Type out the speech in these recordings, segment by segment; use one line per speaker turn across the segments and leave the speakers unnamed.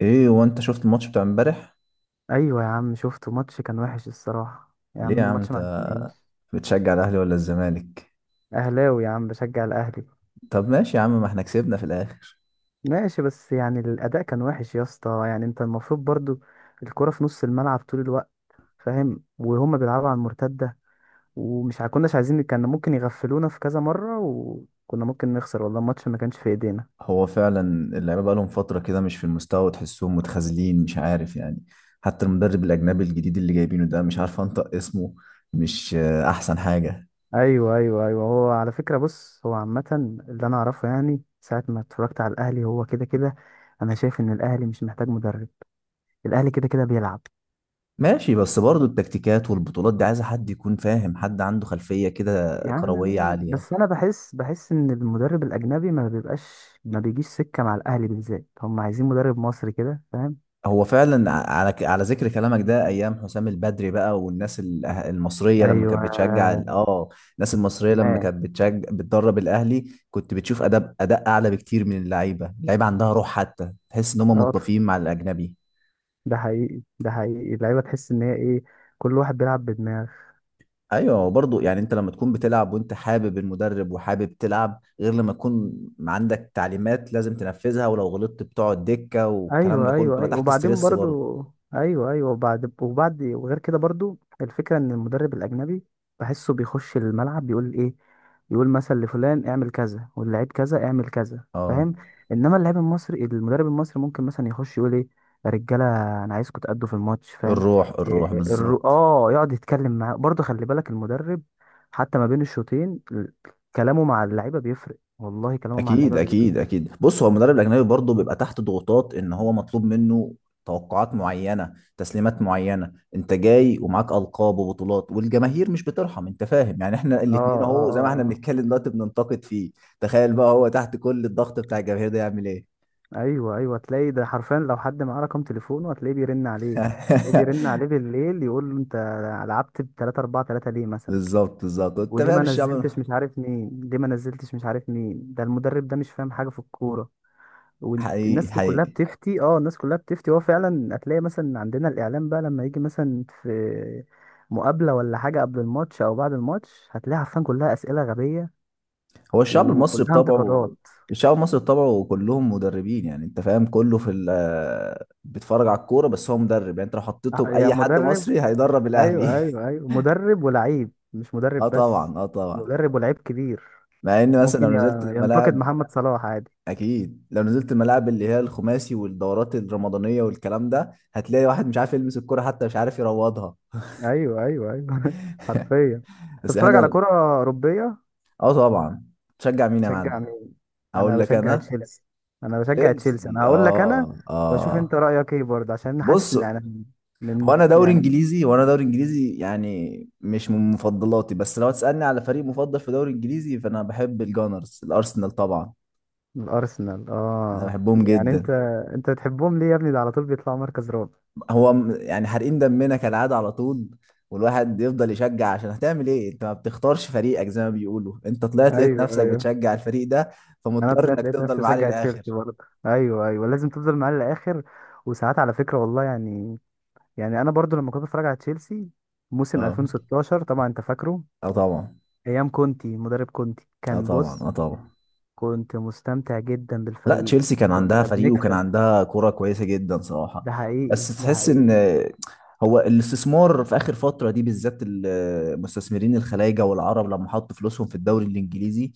ايه وانت شفت الماتش بتاع امبارح؟
ايوه يا عم، شفته. ماتش كان وحش الصراحه، يا
ليه يا
عم.
عم
الماتش ما
انت
عجبنيش.
بتشجع الاهلي ولا الزمالك؟
اهلاوي يا عم، بشجع الاهلي.
طب ماشي يا عم ما احنا كسبنا في الاخر.
ماشي، بس يعني الاداء كان وحش يا اسطى. يعني انت المفروض برضو الكرة في نص الملعب طول الوقت، فاهم؟ وهما بيلعبوا على المرتده. ومش كناش عايزين. كان ممكن يغفلونا في كذا مره، وكنا ممكن نخسر. والله الماتش ما كانش في ايدينا.
هو فعلا. اللعيبه بقالهم فتره كده مش في المستوى وتحسهم متخاذلين، مش عارف يعني. حتى المدرب الاجنبي الجديد اللي جايبينه ده مش عارف انطق اسمه. مش احسن حاجه.
ايوه، ايوه، ايوه. هو على فكره، بص، هو عامه، اللي انا اعرفه، يعني ساعه ما اتفرجت على الاهلي هو كده كده. انا شايف ان الاهلي مش محتاج مدرب. الاهلي كده كده بيلعب.
ماشي، بس برضه التكتيكات والبطولات دي عايزه حد يكون فاهم، حد عنده خلفيه كده
يا عم
كرويه
ماشي. بس
عاليه.
انا بحس ان المدرب الاجنبي ما بيبقاش، ما بيجيش سكه مع الاهلي بالذات. هم عايزين مدرب مصري، كده فاهم؟
هو فعلا، على ذكر كلامك ده ايام حسام البدري بقى، والناس ال- أه، المصريه لما
ايوه.
كانت بتشجع الناس المصريه لما
ما.
كانت بتشجع بتدرب الاهلي، كنت بتشوف اداء اعلى بكتير. من اللعيبه، اللعيبه عندها روح، حتى تحس ان هم
اه.
منطفيين مع الاجنبي.
ده حقيقي، ده حقيقي. اللعيبه تحس ان هي ايه، كل واحد بيلعب بدماغه.
ايوه، برضو يعني انت لما تكون بتلعب وانت حابب المدرب وحابب تلعب، غير لما تكون عندك تعليمات لازم تنفذها، ولو غلطت بتقعد دكه، والكلام ده
ايوه،
كله
ايوه،
بتبقى
ايوه،
تحت
وبعدين
ستريس برضو.
برضو. ايوه، ايوه، وبعد وغير كده، برضو الفكره ان المدرب الاجنبي بحسه بيخش الملعب بيقول ايه؟ يقول مثلا لفلان اعمل كذا، واللعيب كذا اعمل كذا،
اه،
فاهم؟ انما اللاعب المصري المدرب المصري ممكن مثلا يخش يقول ايه؟ يا رجاله، انا عايزكم تأدوا في الماتش، فاهم؟
الروح الروح
إيه الر...
بالظبط.
اه يقعد يتكلم معاه برضو. خلي بالك المدرب، حتى ما بين الشوطين كلامه مع اللعيبه بيفرق، والله كلامه مع
اكيد
اللعيبه بيفرق.
اكيد اكيد، بص، هو المدرب الاجنبي برضه بيبقى تحت ضغوطات، ان هو مطلوب منه توقعات معينه، تسليمات معينه، انت جاي ومعاك القاب وبطولات، والجماهير مش بترحم، انت فاهم يعني، احنا
اه،
الاتنين اهو زي ما
اه،
احنا
اه.
بنتكلم دلوقتي بننتقد فيه. تخيل بقى هو تحت كل الضغط بتاع الجماهير ده، يعمل ايه؟
ايوه، ايوه. تلاقي ده حرفيا، لو حد معاه رقم تليفونه هتلاقيه بيرن عليه. تلاقيه بيرن عليه بالليل، يقول له انت لعبت ب 3 4 3 ليه مثلا؟
بالظبط بالظبط، انت
وليه
فاهم
ما
الشعب.
نزلتش مش عارف مين، ليه ما نزلتش مش عارف مين، ده المدرب ده مش فاهم حاجه في الكوره.
حقيقي
والناس كلها
حقيقي.
بتفتي، الناس كلها بتفتي. هو فعلا هتلاقي مثلا عندنا الاعلام بقى، لما يجي مثلا في مقابله ولا حاجه قبل الماتش او بعد الماتش، هتلاقي عارفين، كلها اسئله غبيه
هو الشعب المصري
وكلها
بطبعه
انتقادات.
الشعب المصري بطبعه كلهم مدربين، يعني انت فاهم، كله في ال بيتفرج على الكوره، بس هو مدرب، يعني انت لو حطيته
يا
باي حد
مدرب.
مصري هيدرب الاهلي.
ايوه، ايوه، ايوه، مدرب ولعيب، مش
اه
مدرب بس.
طبعا اه طبعا.
مدرب ولعيب كبير.
مع ان مثلا
ممكن
لو نزلت
ينتقد
الملاعب،
محمد صلاح عادي.
اكيد لو نزلت الملاعب اللي هي الخماسي والدورات الرمضانيه والكلام ده، هتلاقي واحد مش عارف يلمس الكوره، حتى مش عارف يروضها.
ايوه، ايوه، ايوه. حرفيا.
بس
تتفرج على
احنا،
كرة أوروبية.
اه طبعا. تشجع مين يا
تشجع
معلم؟
مين؟
اقول
انا
لك
بشجع
انا؟
تشيلسي. انا بشجع تشيلسي.
تشيلسي،
انا هقول لك انا،
اه
واشوف انت
اه.
رأيك ايه برضه، عشان حاسس
بص،
ان انا
هو
من،
انا دوري
يعني،
انجليزي، وانا دوري انجليزي يعني مش من مفضلاتي، بس لو تسالني على فريق مفضل في دوري انجليزي فانا بحب الجانرز، الارسنال طبعا.
من الارسنال.
انا
اه،
بحبهم
يعني انت،
جدا.
انت بتحبهم ليه يا ابني؟ ده على طول بيطلعوا مركز رابع.
يعني حارقين دمنا كالعاده على طول، والواحد يفضل يشجع، عشان هتعمل ايه، انت ما بتختارش فريقك، زي ما بيقولوا انت طلعت لقيت
ايوه،
نفسك
ايوه،
بتشجع الفريق ده،
انا
فمضطر
طلعت
انك
لقيت
تفضل
نفسي
معاه
بشجع
للاخر.
تشيلسي برضه. ايوه، ايوه، لازم تفضل معاه للاخر. وساعات على فكره والله، يعني انا برضه لما كنت بتفرج على تشيلسي موسم
اه،
2016، طبعا انت فاكره.
اه طبعا
ايام كونتي، مدرب كونتي
اه
كان،
طبعا
بص،
اه طبعا.
كنت مستمتع جدا
لا،
بالفريق.
تشيلسي كان عندها
كنا
فريق وكان
بنكسب.
عندها كرة كويسة جدا صراحة.
ده حقيقي،
بس
ده
تحس ان،
حقيقي.
هو الاستثمار في اخر فترة دي بالذات، المستثمرين الخلايجة والعرب لما حطوا فلوسهم في الدوري الانجليزي،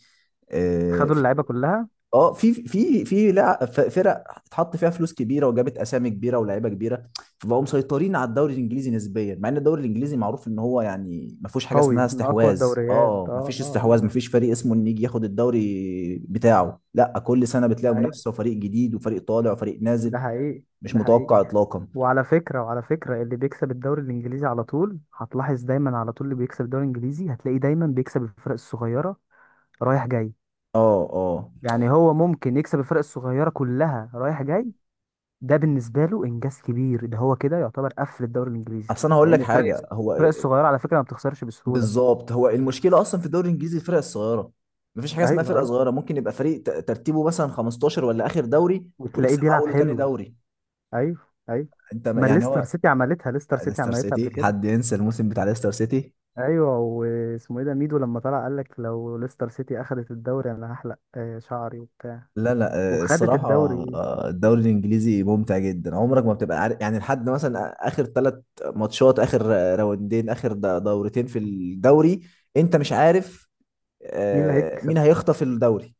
آه،
خدوا
في
اللعيبه كلها.
اه، في فرق اتحط فيها فلوس كبيره، وجابت اسامي كبيره ولاعيبه كبيره، فبقوا مسيطرين على الدوري الانجليزي نسبيا، مع ان الدوري الانجليزي معروف ان هو يعني ما فيهوش حاجه
قوي،
اسمها
من اقوى
استحواذ،
الدوريات.
ما
اه،
فيش
اه.
استحواذ، ما فيش فريق اسمه ان يجي ياخد الدوري بتاعه، لا، كل سنه
آه.
بتلاقي
حقيقي.
منافسه وفريق جديد وفريق طالع وفريق
ده
نازل.
حقيقي،
مش
ده حقيقي.
متوقع اطلاقا.
وعلى فكرة، اللي بيكسب الدوري الإنجليزي على طول، هتلاحظ دايما على طول اللي بيكسب الدوري الإنجليزي هتلاقيه دايما بيكسب الفرق الصغيرة رايح جاي.
اه اه.
يعني هو ممكن يكسب الفرق الصغيرة كلها رايح جاي، ده بالنسبة له إنجاز كبير. ده هو كده يعتبر قفل الدوري الإنجليزي،
اصل انا هقول لك
لأن
حاجه،
الفرق
هو
الصغيرة على فكرة ما بتخسرش بسهولة.
بالظبط، هو المشكله اصلا في الدوري الانجليزي الفرق الصغيره، مفيش حاجه اسمها
ايوه،
فرقه
ايوه،
صغيره، ممكن يبقى فريق ترتيبه مثلا 15 ولا اخر دوري،
وتلاقيه
ويكسب
بيلعب
اول وتاني
حلو.
دوري.
ايوه، ايوه،
انت ما-
ما
يعني
ليستر
هو،
سيتي عملتها، ليستر سيتي
ليستر
عملتها قبل
سيتي،
كده.
حد ينسى الموسم بتاع ليستر سيتي؟
ايوه، واسمه ايه ده، ميدو، لما طلع قال لك لو ليستر سيتي اخذت الدوري انا هحلق شعري وبتاع،
لا لا.
وخدت
الصراحه،
الدوري.
الدوري الانجليزي ممتع جدا، عمرك ما بتبقى عارف، يعني لحد مثلا اخر ثلاث ماتشات، اخر راوندين، اخر دورتين في الدوري، انت مش عارف
مين اللي هيكسب؟
مين هيخطف الدوري،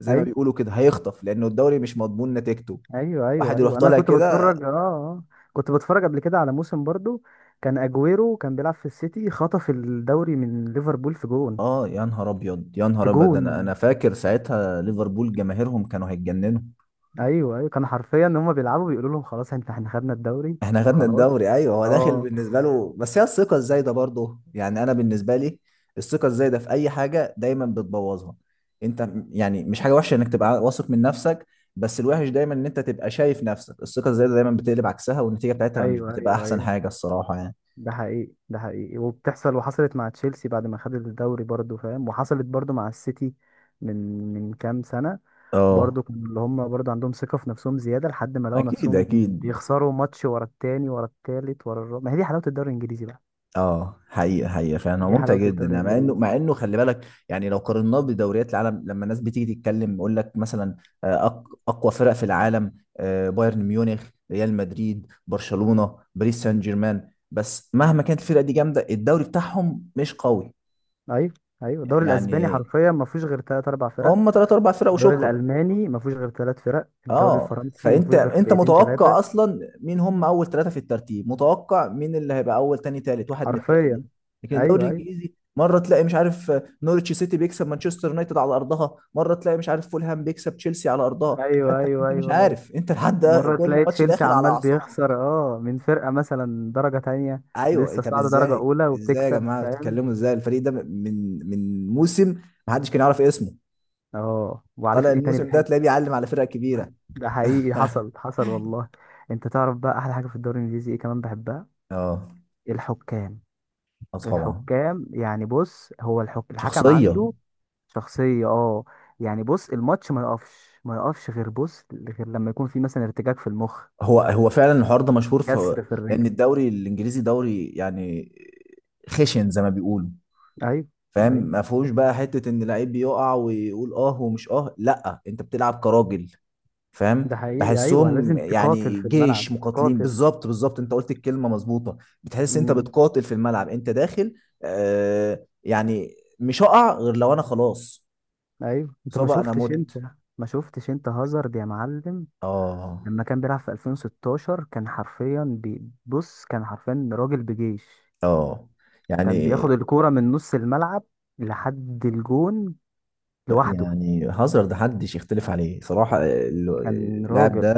زي ما
ايوه،
بيقولوا كده هيخطف، لانه الدوري مش مضمون نتيجته.
ايوه، ايوه،
واحد يروح
ايوه، انا
طالع
كنت
كده.
بتفرج اه آه. كنت بتفرج قبل كده على موسم برضو. كان اجويرو كان بيلعب في السيتي، خطف الدوري من ليفربول في جون،
اه، يا نهار ابيض يا
في
نهار ابيض، ده انا
جون.
انا فاكر ساعتها ليفربول جماهيرهم كانوا هيتجننوا.
ايوه، ايوه، كان حرفيا ان هم بيلعبوا بيقولوا لهم خلاص، احنا خدنا الدوري
احنا خدنا
وخلاص.
الدوري، ايوه، هو داخل
اه.
بالنسبه له، بس هي الثقه الزايده برضه، يعني انا بالنسبه لي الثقه الزايده في اي حاجه دايما بتبوظها. يعني مش حاجه وحشه انك تبقى واثق من نفسك، بس الوحش دايما ان انت تبقى شايف نفسك، الثقه الزايده دايما بتقلب عكسها، والنتيجه بتاعتها مش
ايوه،
بتبقى
ايوه،
احسن
ايوه،
حاجه الصراحه يعني.
ده حقيقي، ده حقيقي. وحصلت مع تشيلسي بعد ما خد الدوري برضو، فاهم؟ وحصلت برضو مع السيتي من من كام سنة.
اه
برضو كانوا، اللي هم برضو عندهم ثقة في نفسهم زيادة، لحد ما لقوا
اكيد
نفسهم
اكيد.
بيخسروا ماتش ورا التاني ورا التالت ورا الرابع. ما هي دي حلاوة الدوري الإنجليزي بقى.
اه حقيقة حقيقة، فعلا هو
دي
ممتع
حلاوة
جدا،
الدوري
يعني مع انه مع
الإنجليزي.
انه خلي بالك، يعني لو قارناه بدوريات العالم، لما الناس بتيجي تتكلم يقول لك مثلا آه، اقوى فرق في العالم، بايرن ميونخ، ريال مدريد، برشلونة، باريس سان جيرمان، بس مهما كانت الفرق دي جامدة، الدوري بتاعهم مش قوي.
أيوه، أيوه، الدوري الأسباني
يعني
حرفيا ما فيهوش غير تلات أربع فرق.
هم ثلاث اربع فرق
الدوري
وشكرا.
الألماني ما فيهوش غير تلات فرق. الدوري
اه،
الفرنسي ما
فانت
فيهوش غير
انت
فرقتين تلاتة.
متوقع اصلا مين هم اول ثلاثه في الترتيب، متوقع مين اللي هيبقى اول، تاني، تالت، واحد من الثلاثه دول.
حرفيا.
لكن الدوري
أيوه، أيوه،
الانجليزي مره تلاقي مش عارف نورتش سيتي بيكسب مانشستر يونايتد على ارضها، مره تلاقي مش عارف فولهام بيكسب تشيلسي على ارضها، فانت
أيوه، أيوه،
انت مش
أيوه،
عارف، انت لحد
مرة
كل
تلاقي
ماتش
تشيلسي
داخل على
عمال
اعصابك.
بيخسر من فرقة مثلا درجة تانية
ايوه،
لسه
طب
صاعدة درجة
ازاي؟
أولى
ازاي يا
وبتكسب،
جماعه
فاهم؟
بتتكلموا ازاي، الفريق ده من موسم ما حدش كان يعرف اسمه،
اه. وعارف
طالع
ايه تاني
الموسم ده
بحب؟
تلاقيه بيعلم على فرق كبيره.
ده حقيقي، حصل حصل والله. انت تعرف بقى أحلى حاجة في الدوري الإنجليزي ايه كمان بحبها؟
اه،
الحكام.
آه طبعا.
الحكام يعني، بص، هو الحكم
شخصيه.
عنده شخصية. اه، يعني بص، الماتش ما يقفش غير، بص، غير لما يكون في مثلا ارتجاج في المخ،
هو فعلا الحوار ده مشهور، في،
كسر في
لان
الرجل.
الدوري الانجليزي دوري يعني خشن زي ما بيقولوا،
ايوه،
فاهم،
ايوه،
ما فيهوش بقى حته ان لعيب بيقع ويقول اه ومش اه، لا، انت بتلعب كراجل،
ده
فاهم،
حقيقي. ايوه،
بحسهم
لازم تقاتل
يعني
في الملعب،
جيش مقاتلين.
تقاتل.
بالظبط بالظبط، انت قلت الكلمه مظبوطه. بتحس انت
امم
بتقاتل في الملعب، انت داخل، آه، يعني مش هقع غير لو انا خلاص
ايوه. انت ما
اصابه انا
شفتش انت
مت.
ما شفتش انت هازارد يا معلم،
اه
لما كان بيلعب في 2016؟ كان حرفيا راجل بجيش.
اه.
كان
يعني
بياخد الكوره من نص الملعب لحد الجون لوحده.
يعني هازارد محدش يختلف عليه صراحة،
كان
اللاعب
راجل.
ده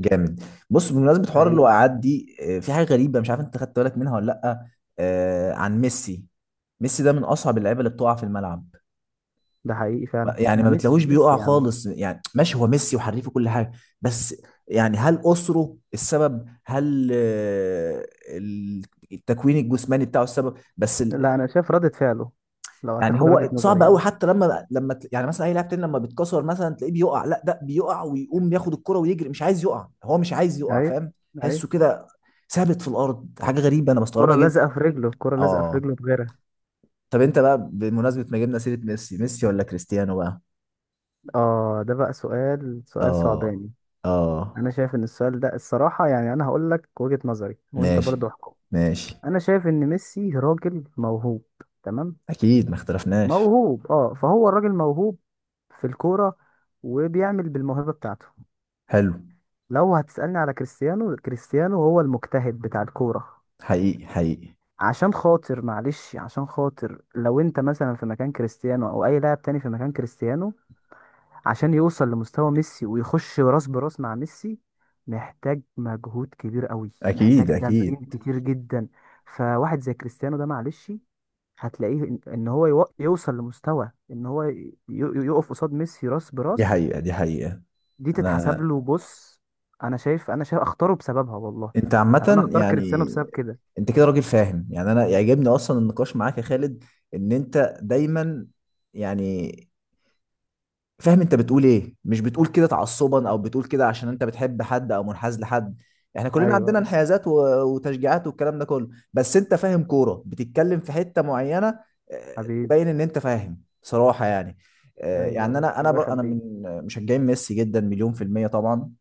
جامد. بص، بمناسبة حوار
حقيقي،
الوقعات دي، في حاجة غريبة مش عارف انت خدت بالك منها ولا لأ، عن ميسي. ميسي ده من أصعب اللعيبة اللي بتقع في الملعب.
ده حقيقي فعلا.
يعني
ده
ما بتلاقوش
ميسي،
بيقع
ميسي يا عم.
خالص، يعني ماشي هو ميسي وحريف وكل حاجة، بس يعني هل أسره السبب، هل التكوين الجسماني بتاعه السبب،
لا، انا شايف ردة فعله، لو
يعني
هتاخد وجهة
هو صعب
نظري
قوي،
يعني.
حتى لما يعني مثلا اي لاعب تاني لما بيتكسر مثلا تلاقيه بيقع، لا ده بيقع ويقوم ياخد الكرة ويجري، مش عايز يقع، هو مش عايز يقع،
ايوه،
فاهم،
ايوه،
تحسه كده ثابت في الارض، حاجه غريبه انا بستغربها
الكرة
جدا.
لازقة في رجله، الكرة لازقة في
اه،
رجله بغيرها.
طب انت بقى بمناسبه ما جبنا سيره ميسي ولا كريستيانو بقى؟
اه، ده بقى سؤال، سؤال
اه
صعباني.
اه.
انا شايف ان السؤال ده، الصراحه يعني، انا هقول لك وجهه نظري وانت
ماشي
برضو احكم.
ماشي.
انا شايف ان ميسي راجل موهوب. تمام؟
اكيد ما اختلفناش.
موهوب اه، فهو الراجل موهوب في الكوره، وبيعمل بالموهبه بتاعته.
حلو.
لو هتسالني على كريستيانو، كريستيانو هو المجتهد بتاع الكوره.
حقيقي حقيقي.
عشان خاطر، لو انت مثلا في مكان كريستيانو او اي لاعب تاني في مكان كريستيانو، عشان يوصل لمستوى ميسي ويخش راس براس مع ميسي، محتاج مجهود كبير قوي، محتاج
اكيد
تمرين
اكيد.
كتير جدا. فواحد زي كريستيانو ده، معلش، هتلاقيه ان هو يوصل لمستوى ان هو يقف قصاد ميسي راس
دي
براس.
حقيقة دي حقيقة.
دي تتحسب
انا،
له. بص، انا شايف اختاره بسببها والله.
انت
يعني انا
عامة
اختار
يعني،
كريستيانو بسبب كده.
انت كده راجل فاهم، يعني انا يعجبني اصلا النقاش معاك يا خالد، ان انت دايما، يعني، فاهم انت بتقول ايه، مش بتقول كده تعصبا، او بتقول كده عشان انت بتحب حد او منحاز لحد، احنا كلنا عندنا
ايوه.
انحيازات و- وتشجيعات والكلام ده كله، بس انت فاهم كورة، بتتكلم في حتة معينة، اه،
حبيبي.
تبين ان انت فاهم صراحة يعني.
ايوه.
اه، يعني
أيوة.
انا انا
الله
بر- انا
يخليك.
من مشجعين ميسي جدا، مليون في المية طبعا.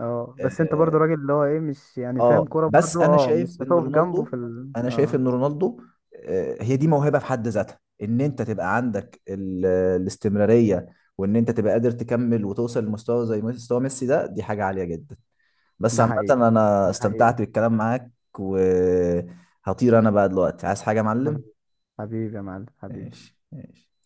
اه، بس انت برضو
آه،
راجل اللي هو ايه، مش يعني فاهم
اه،
كوره
بس
برضو،
انا
اه،
شايف
مش
ان
هتقف جنبه
رونالدو،
في ال...
انا شايف
اه
ان رونالدو، هي دي موهبه في حد ذاتها، ان انت تبقى عندك الاستمراريه، وان انت تبقى قادر تكمل وتوصل لمستوى زي مستوى ميسي، ده دي حاجه عاليه جدا، بس
ده
عامه
حقيقي،
انا
ده حقيقي.
استمتعت بالكلام معاك، وهطير انا بقى دلوقتي، عايز حاجه يا معلم؟
حبيبي. حبيبي يا معلم. حبيبي.
ماشي ماشي.